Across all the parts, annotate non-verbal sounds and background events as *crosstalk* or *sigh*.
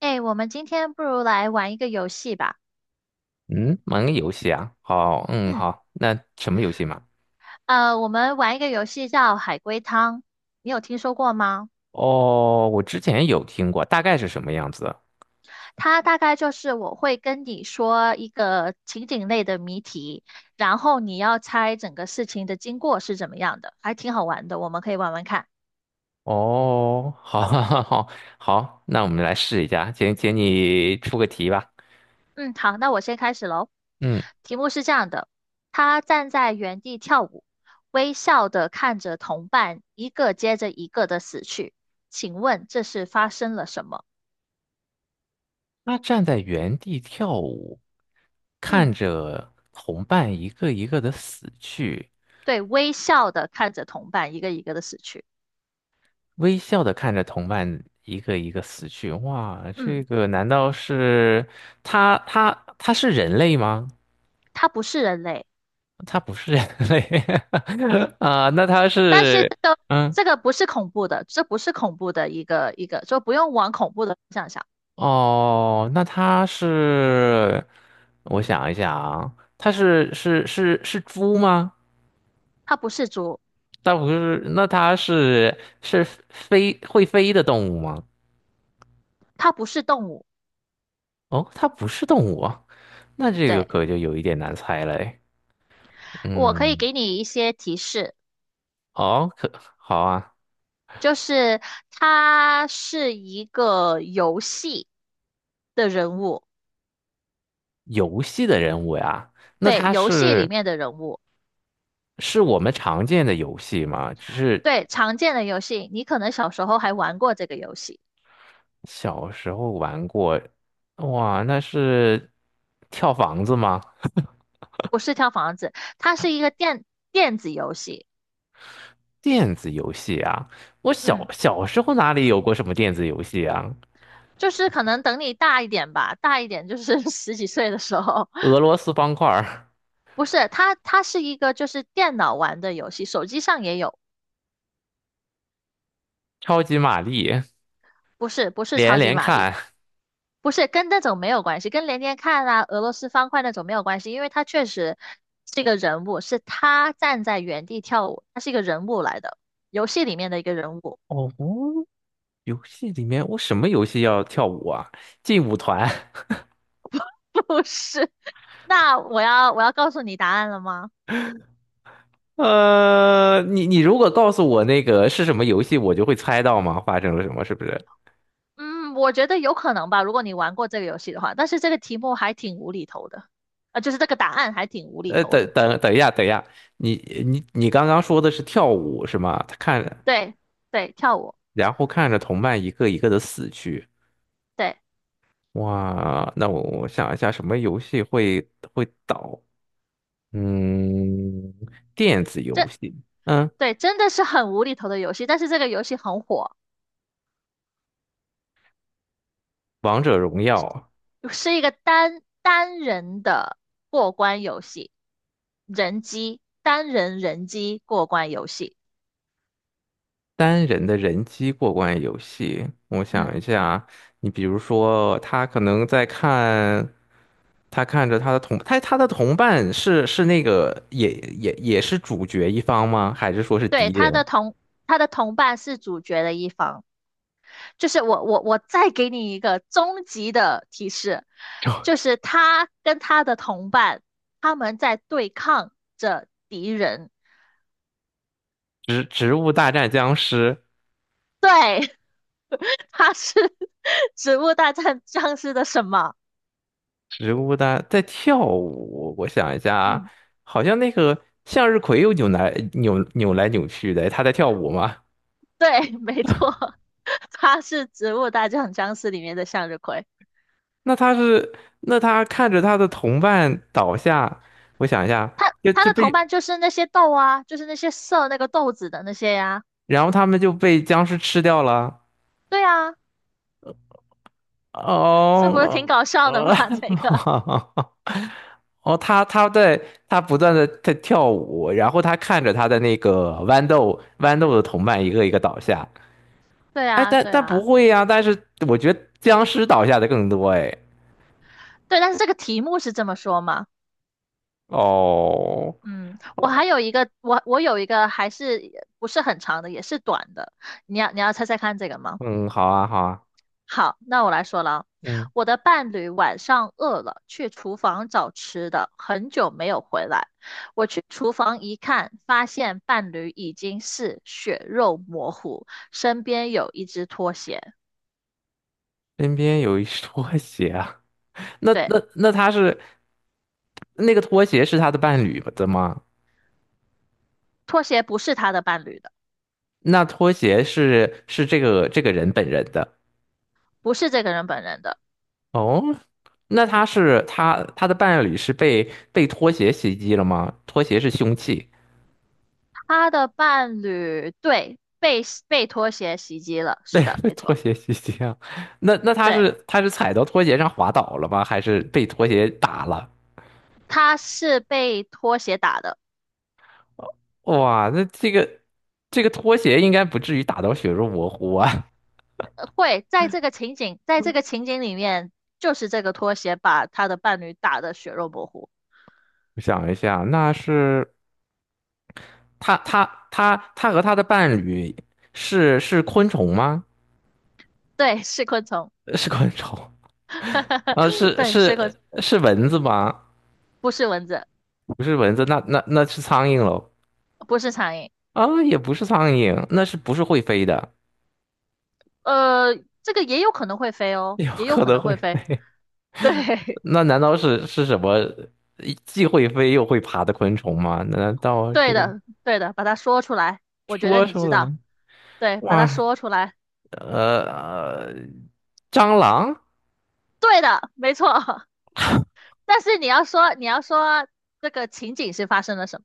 哎，我们今天不如来玩一个游戏吧。嗯，玩个游戏啊，好，嗯，嗯，好，那什么游戏嘛？我们玩一个游戏叫海龟汤，你有听说过吗？哦，我之前有听过，大概是什么样子？它大概就是我会跟你说一个情景类的谜题，然后你要猜整个事情的经过是怎么样的，还挺好玩的，我们可以玩玩看。哦，好，*laughs* 好，好，好，那我们来试一下，请你出个题吧。嗯，好，那我先开始喽。嗯，题目是这样的：他站在原地跳舞，微笑的看着同伴一个接着一个的死去，请问这是发生了什么？他站在原地跳舞，嗯。看着同伴一个一个的死去，对，微笑的看着同伴一个一个的死去。微笑的看着同伴一个一个死去。哇，这嗯，个难道是他？他是人类吗？他不是人类，它不是人类 *laughs* 啊，那它但是是，这个嗯，这个不是恐怖的，这不是恐怖的一个一个，就不用往恐怖的方向想。哦，那它是，我想一想啊，它是猪吗？它不是猪，它不是，那它是会飞的动物吗？它不是动物。哦，它不是动物啊，那这个对，可就有一点难猜了诶。我可以嗯，给你一些提示，哦，好啊，就是它是一个游戏的人物，游戏的人物呀，那对，它游戏里是面的人物，是我们常见的游戏吗？只是对，常见的游戏，你可能小时候还玩过这个游戏，小时候玩过，哇，那是跳房子吗？不是跳房子，它是一个电子游戏。电子游戏啊，我嗯。小时候哪里有过什么电子游戏啊？就是可能等你大一点吧，大一点就是 *laughs* 十几岁的时候，俄 *laughs* 罗斯方块儿、不是，它是一个就是电脑玩的游戏，手机上也有，超级玛丽、不是不是连超级连玛丽，看。不是跟那种没有关系，跟连连看啊、俄罗斯方块那种没有关系，因为它确实这个人物是他站在原地跳舞，他是一个人物来的，游戏里面的一个人物，哦，游戏里面我什么游戏要跳舞啊？劲舞团。*laughs* 不是。那我要告诉你答案了吗？*laughs* 你如果告诉我那个是什么游戏，我就会猜到吗？发生了什么，是不是？嗯，我觉得有可能吧，如果你玩过这个游戏的话，但是这个题目还挺无厘头的，啊，就是这个答案还挺无厘头的。等一下，等一下，你你刚刚说的是跳舞是吗？他看。对对，跳舞，然后看着同伴一个一个的死去。对，哇，那我想一下，什么游戏会倒？嗯，电子游这戏，嗯，对真的是很无厘头的游戏，但是这个游戏很火，王者荣耀，是一个单人的过关游戏，单人人机过关游戏。单人的人机过关游戏。我想一嗯，下，你比如说，他可能在看，他看着他的同，他他的同伴是那个也是主角一方吗？还是说是敌对，人？他的同伴是主角的一方。就是我再给你一个终极的提示，*laughs* 就就是他跟他的同伴，他们在对抗着敌人。植物大战僵尸。对，*laughs* 他是 *laughs*《植物大战僵尸》的什么？植物的在跳舞，我想一下啊，嗯，好像那个向日葵又扭来扭去的，它在跳舞吗？对，没错，*laughs* 他是《植物大战僵尸》里面的向日葵。那它是，那他看着他的同伴倒下，我想一下，他就他就的同被，伴就是那些豆啊，就是那些射那个豆子的那些呀、然后他们就被僵尸吃掉了。对啊，这不是挺哦，搞笑的吗？*laughs* 呃 这个，*laughs* 哦，他不断的在跳舞，然后他看着他的那个豌豆的同伴一个一个倒下，对哎，啊，但对但不啊。会呀、但是我觉得僵尸倒下的更多哎。对，但是这个题目是这么说吗？哦，嗯，我还有一个，我有一个还是不是很长的，也是短的，你要猜猜看这个吗？嗯，好啊，好啊，好，那我来说了啊，嗯，我的伴侣晚上饿了，去厨房找吃的，很久没有回来。我去厨房一看，发现伴侣已经是血肉模糊，身边有一只拖鞋，身边有一拖鞋啊，那对，那那他是那个拖鞋是他的伴侣的吗？拖鞋不是他的伴侣的，那拖鞋是这个人本人的。不是这个人本人的。哦，那他的伴侣是被拖鞋袭击了吗？拖鞋是凶器，他的伴侣对被拖鞋袭击了，*laughs* 是对，的，被没拖错，鞋袭击啊，那那他对，是他是踩到拖鞋上滑倒了吗？还是被拖鞋打了？他是被拖鞋打的，哇，那这个拖鞋应该不至于打到血肉模糊啊！会在这个情景里面，就是这个拖鞋把他的伴侣打得血肉模糊，*laughs* 我想一下，那是他他他和他的伴侣是昆虫吗？对，是昆虫，是昆虫 *laughs* 啊，是对，是是蚊子吗？不是蚊子，不是蚊子，那是苍蝇喽？不是苍蝇，啊，也不是苍蝇，那是不是会飞的？呃，这个也有可能会飞 *laughs* 哦，有也有可可能能会，会飞，对，那难道是什么既会飞又会爬的昆虫吗？难 *laughs* 道是对的，对的，把它说出来，我觉得说你出知道，来？对，把它哇，说出来，呃，蟑螂，对的，没错。*laughs* 但是你要说这个情景是发生了什么？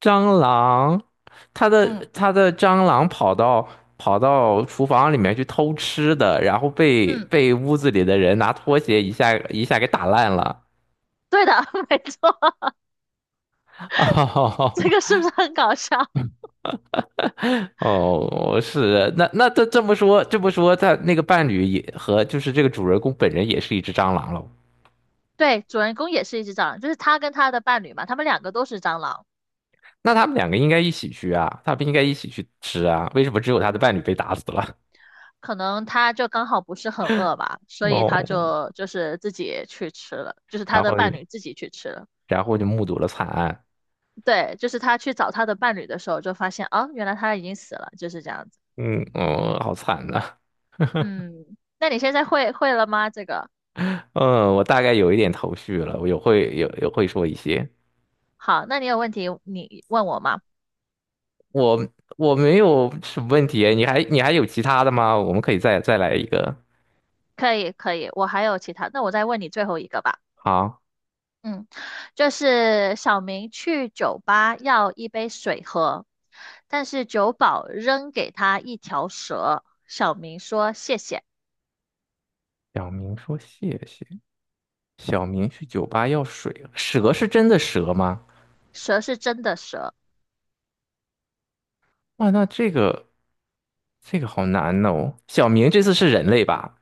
蟑螂，它的嗯它的蟑螂跑到厨房里面去偷吃的，然后被嗯，被屋子里的人拿拖鞋一下一下给打烂了。对的，*laughs* 没错，*laughs* 这个 *laughs* 是不是很搞笑？哦哦是，那这么说，他那个伴侣也和就是这个主人公本人也是一只蟑螂喽。*laughs* 对，主人公也是一只蟑螂，就是他跟他的伴侣嘛，他们两个都是蟑螂。那他们两个应该一起去啊，他们应该一起去吃啊，为什么只有他的嗯，伴侣被打死了？可能他就刚好不是很饿吧，*laughs* 所以哦，他就是自己去吃了，就是他然的后。伴侣自己去吃了。然后。就目睹了惨案。对，就是他去找他的伴侣的时候，就发现啊，原来他已经死了，就是这样子。嗯嗯，好惨呐、嗯，那你现在会了吗？嗯，我大概有一点头绪了，我有会有有会说一些。好，那你有问题你问我吗？我我没有什么问题，你还有其他的吗？我们可以再来一个。可以可以，我还有其他，那我再问你最后一个吧。好，嗯，就是小明去酒吧要一杯水喝，但是酒保扔给他一条蛇，小明说谢谢，小明说谢谢。小明去酒吧要水了蛇是真的蛇吗？蛇是真的蛇，哇，那这个好难哦。小明这次是人类吧？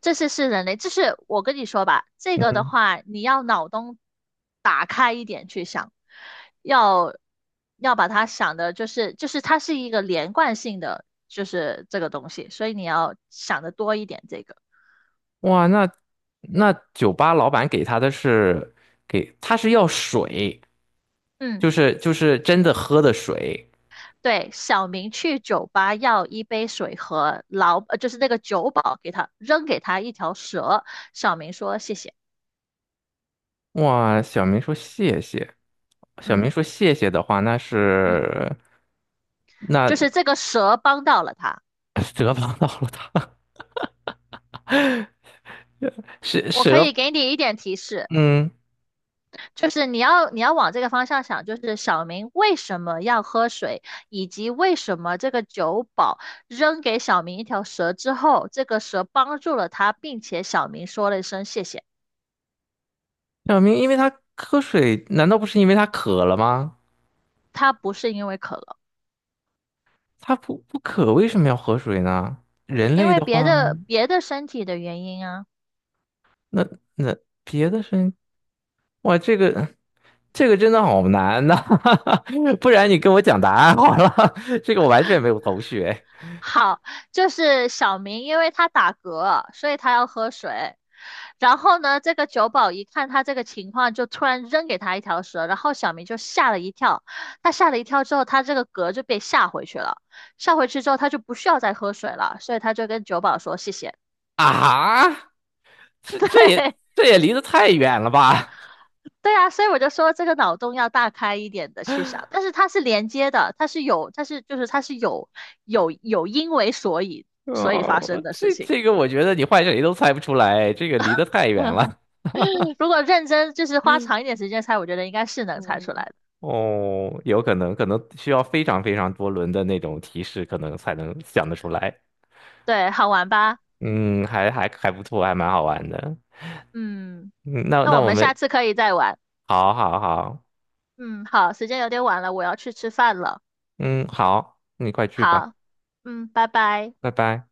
这是人类，这是我跟你说吧，这个的嗯，话你要脑洞打开，要要把它想的，就是它是一个连贯性的，就是这个东西，所以你要想的多一点这个，哇，那那酒吧老板给他的是给他是要水，嗯。就是真的喝的水。对，小明去酒吧要一杯水就是那个酒保扔给他一条蛇，小明说谢谢，哇，小明说谢谢。小嗯明说谢谢的话，那嗯，是就那 是这个蛇帮到了他。*laughs* 蛇帮到了他。*laughs* 蛇我可蛇，以给你一点提示，嗯，就是你要往这个方向想，就是小明为什么要喝水，以及为什么这个酒保扔给小明一条蛇之后，这个蛇帮助了他，并且小明说了一声谢谢，小明因为他喝水，难道不是因为他渴了吗？他不是因为渴了，他不渴，为什么要喝水呢？人因类为的别话，的别的身体的原因啊。那那别的生，哇，这个真的好难呐、*laughs* 不然你跟我讲答案好了，*laughs* 这个我完全没有头绪哎好，就是小明，因为他打嗝，所以他要喝水。然后呢，这个酒保一看他这个情况，就突然扔给他一条蛇，然后小明就吓了一跳。他吓了一跳之后，他这个嗝就被吓回去了。吓回去之后，他就不需要再喝水了，所以他就跟酒保说谢谢。啊！*laughs* 这对。这也这也离得太远了吧 对啊，所以我就说这个脑洞要大开一点的去想，但是它是连接的，它是有，它是就是它是有因为所以 *laughs*？所以发哦，我生的事这情。这个我觉得你换谁都猜不出来，这个离得太远 *laughs* 了。如果认真就是花长一点时间猜，我觉得应该是能猜出来的。哦，有可能需要非常非常多轮的那种提示，可能才能想得出来。对，好玩吧？嗯，还不错，还蛮好玩的。嗯，嗯，那那那我我们下们次可以再玩。好好好，嗯，好，时间有点晚了，我要去吃饭了。嗯，好，你快去吧，好，嗯，拜拜。拜拜。